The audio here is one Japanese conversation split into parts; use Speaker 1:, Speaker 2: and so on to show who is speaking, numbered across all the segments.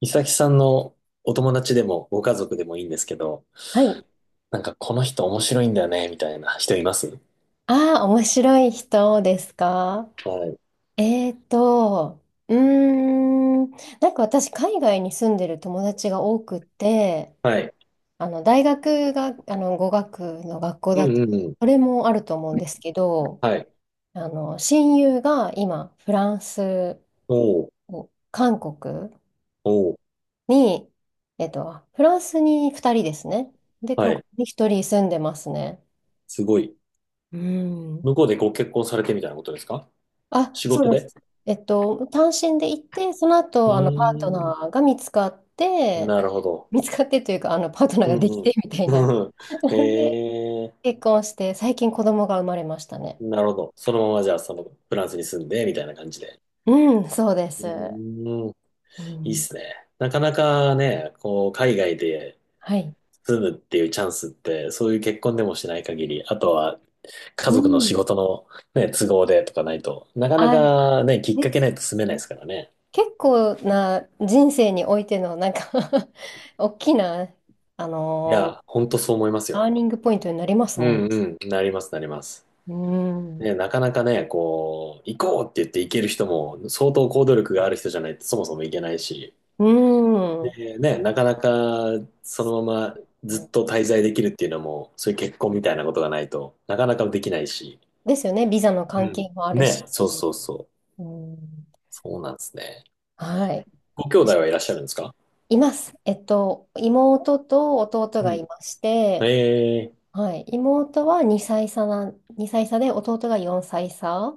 Speaker 1: いさきさんのお友達でもご家族でもいいんですけど、
Speaker 2: はい。
Speaker 1: なんかこの人面白いんだよね、みたいな人います？
Speaker 2: ああ、面白い人ですか？
Speaker 1: はい。
Speaker 2: えーと、うーん、なんか私、海外に住んでる友達が多くて、
Speaker 1: はい。
Speaker 2: 大学が、語学の学校
Speaker 1: う
Speaker 2: だと、
Speaker 1: んうんうん。
Speaker 2: それもあると思うんですけど、
Speaker 1: はい。
Speaker 2: 親友が今、フランス
Speaker 1: おお、
Speaker 2: を、韓国
Speaker 1: おお、
Speaker 2: に、フランスに2人ですね。で、
Speaker 1: は
Speaker 2: 韓
Speaker 1: い。
Speaker 2: 国に1人住んでますね。
Speaker 1: すごい。
Speaker 2: うん。
Speaker 1: 向こうでご結婚されてみたいなことですか？
Speaker 2: あ、
Speaker 1: 仕
Speaker 2: そ
Speaker 1: 事
Speaker 2: うで
Speaker 1: で。
Speaker 2: す。単身で行って、その
Speaker 1: う
Speaker 2: 後、パート
Speaker 1: ーん。
Speaker 2: ナーが見つかって、
Speaker 1: なるほど。
Speaker 2: 見つかってというか、パートナー
Speaker 1: う
Speaker 2: ができて
Speaker 1: ん
Speaker 2: みたいな。
Speaker 1: うん。
Speaker 2: で、
Speaker 1: ええ
Speaker 2: 結婚して、最近子供が生まれましたね。
Speaker 1: ー、なるほど。そのままじゃあ、そのフランスに住んで、みたいな感じで。
Speaker 2: うん、そうで
Speaker 1: う
Speaker 2: す。
Speaker 1: ーん。
Speaker 2: う
Speaker 1: いいっ
Speaker 2: ん、
Speaker 1: すね。なかなかね、こう、海外で
Speaker 2: はい。
Speaker 1: 住むっていうチャンスって、そういう結婚でもしない限り、あとは家
Speaker 2: う
Speaker 1: 族の仕
Speaker 2: ん。
Speaker 1: 事のね、都合でとかないと、なかな
Speaker 2: あ、
Speaker 1: かね、きっか
Speaker 2: で
Speaker 1: け
Speaker 2: す
Speaker 1: ないと住めないで
Speaker 2: ね。
Speaker 1: すからね。
Speaker 2: 結構な人生においての、なんか 大きな、あ
Speaker 1: い
Speaker 2: のー
Speaker 1: や、ほんとそう思います
Speaker 2: タ
Speaker 1: よ。
Speaker 2: ーニングポイントになります
Speaker 1: う
Speaker 2: もん。
Speaker 1: んうん、なりますなります。
Speaker 2: うん。
Speaker 1: ね、なかなかね、こう、行こうって言って行ける人も、相当行動力がある人じゃないとそもそも行けないし、
Speaker 2: うん。
Speaker 1: で、ね、なかなかそのままずっと滞在できるっていうのも、そういう結婚みたいなことがないとなかなかできないし、
Speaker 2: ですよね。ビザの
Speaker 1: う
Speaker 2: 関
Speaker 1: ん。
Speaker 2: 係もあるし。
Speaker 1: ね、そうそうそう。
Speaker 2: うん、
Speaker 1: そうなんですね。
Speaker 2: はい。
Speaker 1: ご兄弟はいらっしゃるんですか？
Speaker 2: います。妹と弟がい
Speaker 1: う
Speaker 2: まして、
Speaker 1: ん。ええ。
Speaker 2: はい。妹は2歳差で、弟が4歳差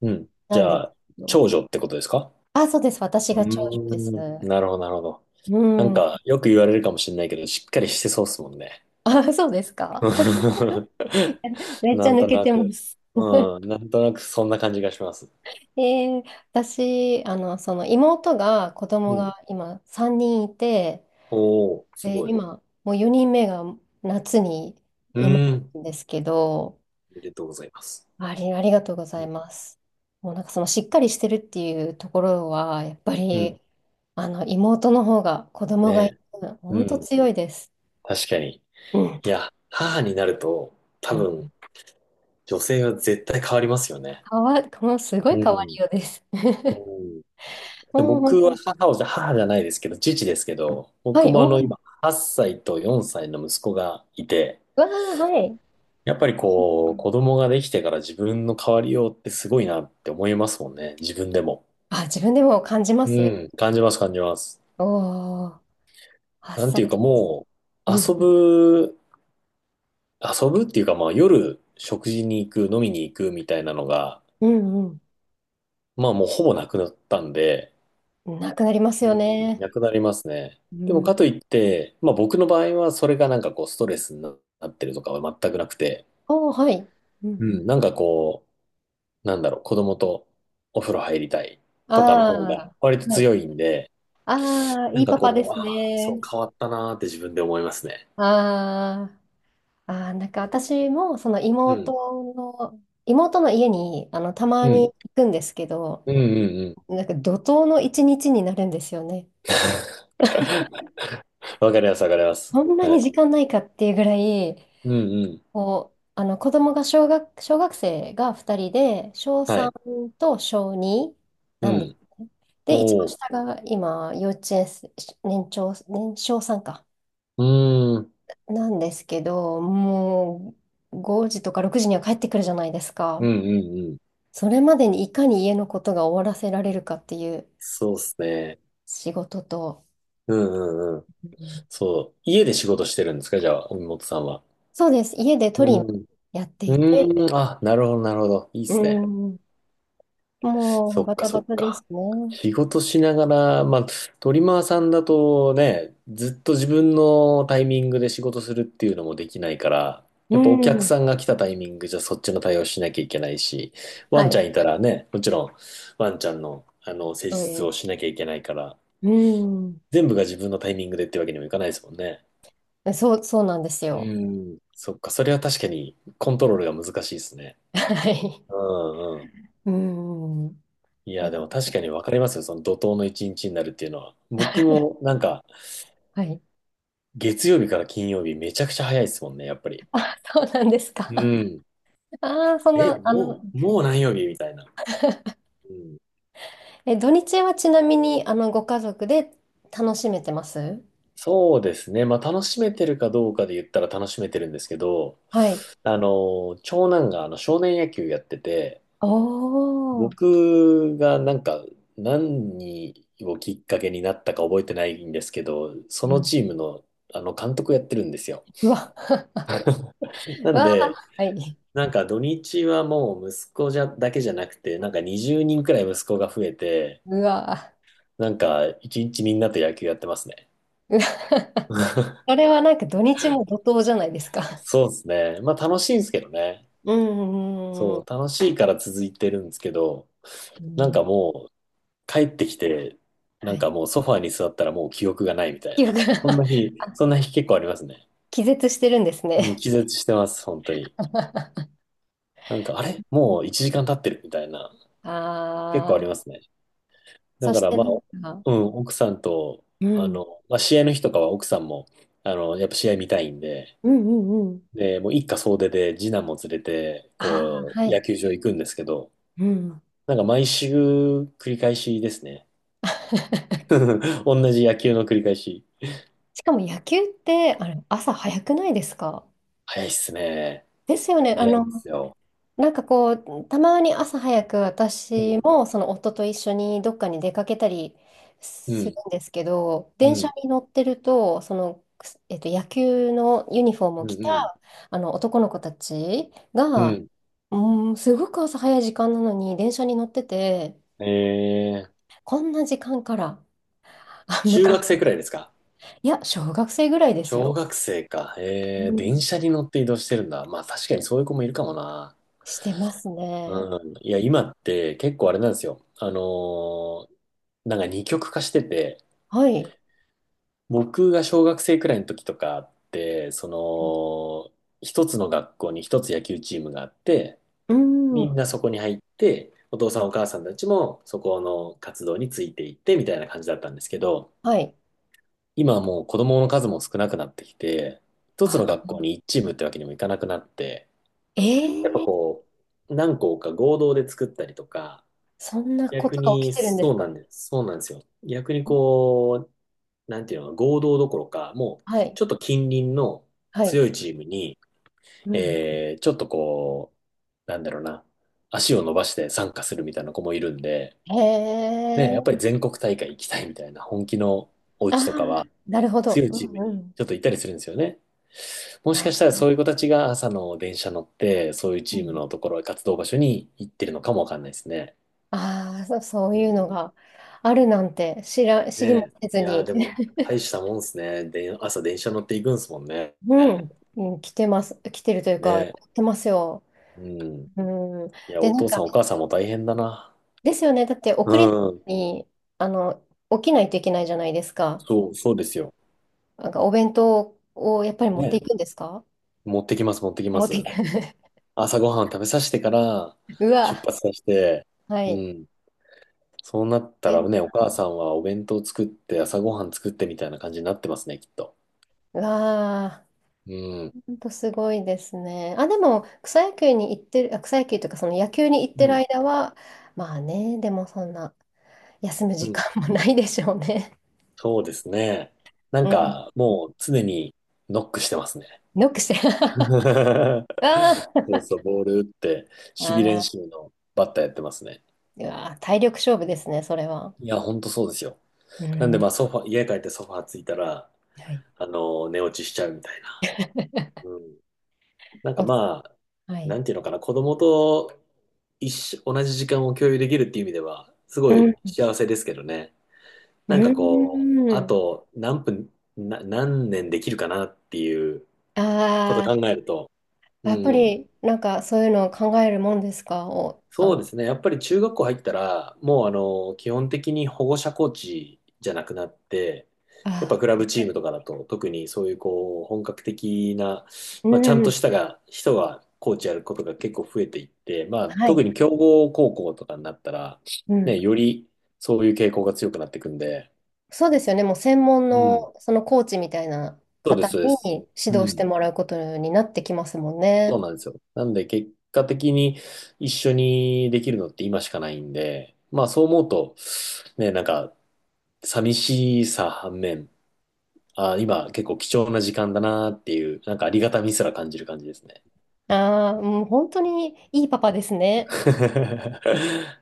Speaker 1: うん。じ
Speaker 2: なんです
Speaker 1: ゃあ、
Speaker 2: けど。
Speaker 1: 長女ってことですか？
Speaker 2: あ、そうです。私
Speaker 1: う
Speaker 2: が長女です。
Speaker 1: ーん。なるほど、なるほど。
Speaker 2: う
Speaker 1: なん
Speaker 2: ん。
Speaker 1: か、よく言われるかもしれないけど、しっかりしてそうっすもんね。
Speaker 2: あ、そうですか？めっち
Speaker 1: な
Speaker 2: ゃ
Speaker 1: ん
Speaker 2: 抜
Speaker 1: と
Speaker 2: け
Speaker 1: な
Speaker 2: てま
Speaker 1: く。
Speaker 2: す。
Speaker 1: うん。なんとなくそんな感じがします。
Speaker 2: えー私、その妹が、子
Speaker 1: う
Speaker 2: 供
Speaker 1: ん。
Speaker 2: が今3人いて、
Speaker 1: おー、す
Speaker 2: で、
Speaker 1: ごい。
Speaker 2: 今、もう4人目が夏に
Speaker 1: う
Speaker 2: 生ま
Speaker 1: ー
Speaker 2: れ
Speaker 1: ん。
Speaker 2: たんですけど、
Speaker 1: おめでとうございます。
Speaker 2: ありがとうございます。もうなんかそのしっかりしてるっていうところは、やっぱ
Speaker 1: うん。
Speaker 2: り、妹の方が子供
Speaker 1: ね
Speaker 2: がい
Speaker 1: え。
Speaker 2: る、
Speaker 1: う
Speaker 2: 本当
Speaker 1: ん。
Speaker 2: 強いです。
Speaker 1: 確かに。
Speaker 2: うん。
Speaker 1: いや、母になると、多
Speaker 2: うん、
Speaker 1: 分、女性は絶対変わりますよね。
Speaker 2: もうすごい
Speaker 1: う
Speaker 2: 変わ
Speaker 1: ん。
Speaker 2: りようです。
Speaker 1: う ん。で
Speaker 2: もう本
Speaker 1: 僕
Speaker 2: 当
Speaker 1: は
Speaker 2: に。
Speaker 1: 母をじゃ、母じゃないですけど、父ですけど、
Speaker 2: は
Speaker 1: 僕
Speaker 2: い、
Speaker 1: も
Speaker 2: おお、
Speaker 1: 今
Speaker 2: う
Speaker 1: 8歳と4歳の息子がいて、
Speaker 2: わー、はい。
Speaker 1: やっぱりこう子供ができてから自分の変わりようってすごいなって思いますもんね、自分でも。
Speaker 2: あ、自分でも感じま
Speaker 1: う
Speaker 2: す。
Speaker 1: ん、感じます感じます。
Speaker 2: おお、8
Speaker 1: なんて
Speaker 2: 歳
Speaker 1: いう
Speaker 2: っ
Speaker 1: か
Speaker 2: てことです。
Speaker 1: もう
Speaker 2: うん、
Speaker 1: 遊ぶっていうかまあ夜食事に行く、飲みに行くみたいなのが、
Speaker 2: うん、
Speaker 1: まあもうほぼなくなったんで、
Speaker 2: うん。なくなります
Speaker 1: う
Speaker 2: よ
Speaker 1: ん、
Speaker 2: ね。
Speaker 1: なくなりますね。
Speaker 2: う
Speaker 1: でも
Speaker 2: ん、
Speaker 1: かといって、まあ僕の場合はそれがなんかこうストレスになってるとかは全くなくて、
Speaker 2: おー、はい。うん
Speaker 1: う
Speaker 2: うん。
Speaker 1: ん、なんかこう、なんだろう、子供とお風呂入りたい
Speaker 2: あ
Speaker 1: とかの方が
Speaker 2: あ、
Speaker 1: 割と
Speaker 2: は
Speaker 1: 強
Speaker 2: い。
Speaker 1: いんで、
Speaker 2: ああ、
Speaker 1: な
Speaker 2: い
Speaker 1: ん
Speaker 2: い
Speaker 1: か
Speaker 2: パパで
Speaker 1: こう、
Speaker 2: す
Speaker 1: ああ、そう
Speaker 2: ね。
Speaker 1: 変わったなーって自分で思いますね。
Speaker 2: ああ、ああ、なんか私も、その
Speaker 1: う
Speaker 2: 妹
Speaker 1: ん。
Speaker 2: の、妹の家に、たま
Speaker 1: う
Speaker 2: に
Speaker 1: ん。
Speaker 2: 行くんですけど、
Speaker 1: うんうんうん。
Speaker 2: なんか怒涛の一日になるんですよね。
Speaker 1: わかります、わかります。
Speaker 2: こんな
Speaker 1: は
Speaker 2: に
Speaker 1: い。
Speaker 2: 時間ないかっていうぐらい、
Speaker 1: うんうん。
Speaker 2: こう、子供が小学生が2人で、小
Speaker 1: はい。
Speaker 2: 3と小2
Speaker 1: う
Speaker 2: なんで
Speaker 1: ん。
Speaker 2: すね。で、一番
Speaker 1: お
Speaker 2: 下
Speaker 1: ー。
Speaker 2: が今、幼稚園生、年長、年少さんか。
Speaker 1: うーん。
Speaker 2: なんですけど、もう5時とか6時には帰ってくるじゃないです
Speaker 1: う
Speaker 2: か。
Speaker 1: んうんうん。
Speaker 2: それまでにいかに家のことが終わらせられるかっていう
Speaker 1: そうっすね。
Speaker 2: 仕事と、
Speaker 1: うんうんうん。
Speaker 2: うん、
Speaker 1: そう。家で仕事してるんですか？じゃあ、海本さんは。
Speaker 2: そうです。家でト
Speaker 1: う
Speaker 2: リマー
Speaker 1: ん。
Speaker 2: やって
Speaker 1: う
Speaker 2: いて、
Speaker 1: ーん。あ、なるほど、なるほど。いいっ
Speaker 2: う
Speaker 1: すね。
Speaker 2: ん、も
Speaker 1: そ
Speaker 2: う
Speaker 1: っ
Speaker 2: バ
Speaker 1: か、
Speaker 2: タ
Speaker 1: そ
Speaker 2: バ
Speaker 1: っ
Speaker 2: タです
Speaker 1: か。
Speaker 2: ね。
Speaker 1: 仕事しながら、まあ、トリマーさんだとね、ずっと自分のタイミングで仕事するっていうのもできないから、
Speaker 2: う
Speaker 1: やっぱお客
Speaker 2: ん。
Speaker 1: さんが来たタイミングじゃそっちの対応しなきゃいけないし、ワ
Speaker 2: は
Speaker 1: ンち
Speaker 2: い。
Speaker 1: ゃんいたらね、もちろんワンちゃんの、施
Speaker 2: そ
Speaker 1: 術
Speaker 2: うで
Speaker 1: を
Speaker 2: す。
Speaker 1: しなきゃいけないから、
Speaker 2: うん。
Speaker 1: 全部が自分のタイミングでってわけにもいかないですもんね。
Speaker 2: そう、そうなんです
Speaker 1: う
Speaker 2: よ。
Speaker 1: ん。そっか、それは確かにコントロールが難しいですね。
Speaker 2: はい。
Speaker 1: うんうん。
Speaker 2: うん。
Speaker 1: いや、でも
Speaker 2: ね、
Speaker 1: 確かにわかりますよ。その怒涛の一日になるっていうのは。僕もなんか、
Speaker 2: はい。
Speaker 1: 月曜日から金曜日めちゃくちゃ早いですもんね、やっぱり。
Speaker 2: あ、そうなんですか？
Speaker 1: うん。
Speaker 2: ああ、そん
Speaker 1: え、
Speaker 2: な、
Speaker 1: もう、もう何曜日みたいな。うん。
Speaker 2: え、土日はちなみに、ご家族で楽しめてます？
Speaker 1: そうですね。まあ、楽しめてるかどうかで言ったら楽しめてるんですけど、
Speaker 2: はい。
Speaker 1: 長男が少年野球やってて、
Speaker 2: おー。
Speaker 1: 僕がなんか何をきっかけになったか覚えてないんですけど、そ
Speaker 2: う
Speaker 1: の
Speaker 2: ん。
Speaker 1: チームの監督をやってるんですよ。
Speaker 2: うわ。
Speaker 1: はい。な
Speaker 2: う
Speaker 1: ん
Speaker 2: わー。
Speaker 1: で、
Speaker 2: はい。
Speaker 1: なんか土日はもう息子じゃだけじゃなくて、なんか20人くらい息子が増えて、
Speaker 2: うわ
Speaker 1: なんか一日みんなと野球やってますね。
Speaker 2: ー。うわー これはなんか土日も怒涛じゃないですか。
Speaker 1: そうですね。まあ楽しいんですけどね。
Speaker 2: うんうん
Speaker 1: そ
Speaker 2: う
Speaker 1: う、
Speaker 2: ん
Speaker 1: 楽しいから続いてるんですけど、
Speaker 2: うん。
Speaker 1: な
Speaker 2: う
Speaker 1: ん
Speaker 2: ん、
Speaker 1: かもう帰ってきて、
Speaker 2: は
Speaker 1: なん
Speaker 2: い。
Speaker 1: かも うソファーに座ったらもう記憶がないみたい
Speaker 2: 記憶
Speaker 1: な。
Speaker 2: が あ、
Speaker 1: そんな日結構ありますね。
Speaker 2: 気絶してるんです
Speaker 1: うん、
Speaker 2: ね。
Speaker 1: 気絶してます、本当に。なんか、あれもう1時間経ってるみたいな。結構あ
Speaker 2: ああ、
Speaker 1: りますね。だ
Speaker 2: そ
Speaker 1: か
Speaker 2: し
Speaker 1: ら
Speaker 2: て、
Speaker 1: まあ、
Speaker 2: なんか、
Speaker 1: うん、奥さんと、
Speaker 2: うん、
Speaker 1: まあ、試合の日とかは奥さんも、やっぱ試合見たいんで、
Speaker 2: うんうんうん。
Speaker 1: で、もう一家総出で次男も連れて、
Speaker 2: ああ、
Speaker 1: こ
Speaker 2: は
Speaker 1: う、野
Speaker 2: い。
Speaker 1: 球場行くんですけど、
Speaker 2: うん。
Speaker 1: なんか毎週繰り返しですね。同じ野球の繰り返し。
Speaker 2: しかも野球って、あれ、朝早くないですか？
Speaker 1: 早いっすね。
Speaker 2: ですよね。
Speaker 1: 早いんですよ。
Speaker 2: なんかこう、たまに朝早く
Speaker 1: う
Speaker 2: 私
Speaker 1: ん、
Speaker 2: もその夫と一緒にどっかに出かけたり
Speaker 1: う
Speaker 2: する
Speaker 1: ん、
Speaker 2: んですけど、
Speaker 1: う
Speaker 2: 電車
Speaker 1: ん、
Speaker 2: に乗ってると、野球のユニフォームを
Speaker 1: う
Speaker 2: 着
Speaker 1: ん、
Speaker 2: た
Speaker 1: うん。
Speaker 2: あの男の子たち
Speaker 1: う
Speaker 2: が、
Speaker 1: ん。
Speaker 2: うん、すごく朝早い時間なのに電車に乗ってて、
Speaker 1: えー、
Speaker 2: こんな時間から、あ、む
Speaker 1: 中
Speaker 2: か、
Speaker 1: 学生くらいですか？
Speaker 2: いや、小学生ぐらいです
Speaker 1: 小
Speaker 2: よ。
Speaker 1: 学生か。
Speaker 2: う
Speaker 1: 電
Speaker 2: ん、
Speaker 1: 車に乗って移動してるんだ。まあ確かにそういう子もいるかもな。
Speaker 2: してますね。
Speaker 1: うん。いや、今って結構あれなんですよ。なんか二極化してて、
Speaker 2: はい。
Speaker 1: 僕が小学生くらいの時とかって、その、一つの学校に一つ野球チームがあって、
Speaker 2: う
Speaker 1: みん
Speaker 2: ん。
Speaker 1: なそこに入って、お父さんお母さんたちもそこの活動についていってみたいな感じだったんですけど、
Speaker 2: はい。
Speaker 1: 今はもう子供の数も少なくなってきて、一つ
Speaker 2: あ、
Speaker 1: の学校に一チームってわけにもいかなくなって、やっぱ
Speaker 2: ええ、
Speaker 1: こう、何校か合同で作ったりとか、
Speaker 2: そんなこ
Speaker 1: 逆
Speaker 2: とが起
Speaker 1: に
Speaker 2: きてるんで
Speaker 1: そ
Speaker 2: す
Speaker 1: うな
Speaker 2: か？
Speaker 1: んです。そうなんですよ。逆にこう、なんていうの、合同どころか、もう
Speaker 2: はい。
Speaker 1: ちょっと近隣の
Speaker 2: はい。
Speaker 1: 強いチームに、
Speaker 2: うん。
Speaker 1: ちょっとこう、なんだろうな、足を伸ばして参加するみたいな子もいるんで、
Speaker 2: へ
Speaker 1: ね、やっぱり
Speaker 2: え。
Speaker 1: 全国大会行きたいみたいな本気のお
Speaker 2: あ
Speaker 1: 家とか
Speaker 2: あ、
Speaker 1: は、
Speaker 2: なるほ
Speaker 1: 強
Speaker 2: ど。
Speaker 1: い
Speaker 2: う
Speaker 1: チー
Speaker 2: ん
Speaker 1: ム
Speaker 2: う
Speaker 1: に
Speaker 2: ん。
Speaker 1: ちょっと行ったりするんですよね。もし
Speaker 2: あ、
Speaker 1: かしたらそういう子たちが朝の電車乗って、そういう
Speaker 2: う
Speaker 1: チーム
Speaker 2: ん、
Speaker 1: のところ、活動場所に行ってるのかもわかんないですね。
Speaker 2: あー、そう
Speaker 1: う
Speaker 2: いう
Speaker 1: ん。
Speaker 2: のがあるなんて知
Speaker 1: ね
Speaker 2: りも
Speaker 1: え。
Speaker 2: せず
Speaker 1: いやー、
Speaker 2: に。
Speaker 1: でも、大したもんですね。で、朝電車乗っていくんですもんね。
Speaker 2: う
Speaker 1: ね
Speaker 2: ん。うん、来てます。来てるというか、
Speaker 1: え。
Speaker 2: 来てますよ。
Speaker 1: うん。
Speaker 2: うん。
Speaker 1: いや、
Speaker 2: で、
Speaker 1: お
Speaker 2: なん
Speaker 1: 父さ
Speaker 2: か、
Speaker 1: んお母さんも大変だな。
Speaker 2: ですよね。だって、
Speaker 1: う
Speaker 2: 送り
Speaker 1: ん。
Speaker 2: に、あの、起きないといけないじゃないですか。
Speaker 1: そうですよ。
Speaker 2: なんか、お弁当をやっぱり持ってい
Speaker 1: ねえ。
Speaker 2: くんですか？
Speaker 1: 持ってきます、持ってきま
Speaker 2: 持っていく。
Speaker 1: す。朝ごはん食べさせてから、
Speaker 2: う
Speaker 1: 出
Speaker 2: わ。
Speaker 1: 発させて、
Speaker 2: は
Speaker 1: う
Speaker 2: い。
Speaker 1: ん。そうなったらね、お母さんはお弁当作って朝ごはん作ってみたいな感じになってますね、きっと。
Speaker 2: わあ、
Speaker 1: うん。
Speaker 2: ほんとすごいですね。あ、でも、草野球に行ってる、あ、草野球というか、その野球に行っ
Speaker 1: う
Speaker 2: てる
Speaker 1: ん。
Speaker 2: 間は、まあね、でもそんな、休む
Speaker 1: う
Speaker 2: 時
Speaker 1: ん。
Speaker 2: 間もないでしょうね。
Speaker 1: そうですね。なん
Speaker 2: うん。
Speaker 1: か、もう常にノックしてますね。
Speaker 2: ノックして。あ
Speaker 1: そう
Speaker 2: ー、
Speaker 1: そう、ボール打って、守備練
Speaker 2: あ
Speaker 1: 習のバッターやってますね。
Speaker 2: ー、うわあ、体力勝負ですね、それは。
Speaker 1: いや、ほんとそうですよ。
Speaker 2: う
Speaker 1: なんで、
Speaker 2: ん。
Speaker 1: まあ、ソファ、家帰ってソファーついたら、
Speaker 2: はい。
Speaker 1: 寝落ちしちゃうみたいな。うん。なんか
Speaker 2: お、
Speaker 1: まあ、
Speaker 2: は
Speaker 1: な
Speaker 2: い。
Speaker 1: んていうのかな、子供と一緒、同じ時間を共有できるっていう意味では、す
Speaker 2: う
Speaker 1: ご
Speaker 2: ん。
Speaker 1: い幸せですけどね。
Speaker 2: う
Speaker 1: なんかこう、あ
Speaker 2: ん。
Speaker 1: と何分、な、何年できるかなっていうこと考
Speaker 2: あ
Speaker 1: えると、
Speaker 2: あ、
Speaker 1: う
Speaker 2: やっぱ
Speaker 1: ん、
Speaker 2: り、なんかそういうのを考えるもんですか？お、あ
Speaker 1: そうで
Speaker 2: の、
Speaker 1: すね。やっぱり中学校入ったら、もう基本的に保護者コーチじゃなくなって、
Speaker 2: あ
Speaker 1: やっぱ
Speaker 2: あ、
Speaker 1: クラブチー
Speaker 2: はい。
Speaker 1: ムとかだと、特にそういうこう、本格的な、
Speaker 2: う
Speaker 1: まあ、ちゃんと
Speaker 2: ん。
Speaker 1: したが、人がコーチやることが結構増えていって、まあ、
Speaker 2: は
Speaker 1: 特
Speaker 2: い。
Speaker 1: に強豪高校とかになったら、
Speaker 2: うん。
Speaker 1: ね、よりそういう傾向が強くなっていくんで、
Speaker 2: そうですよね。もう専門
Speaker 1: う
Speaker 2: の
Speaker 1: ん。
Speaker 2: そのコーチみたいな
Speaker 1: そうで
Speaker 2: 方
Speaker 1: す、そうです。
Speaker 2: に指
Speaker 1: う
Speaker 2: 導して
Speaker 1: ん。
Speaker 2: もらうことになってきますもん
Speaker 1: そう
Speaker 2: ね。
Speaker 1: なんですよ。なんで結果的に一緒にできるのって今しかないんで、まあそう思うと、ね、なんか寂しさ反面、あ、今結構貴重な時間だなっていう、なんかありがたみすら感じる感じですね。
Speaker 2: ああ、うん、本当にいいパパですね。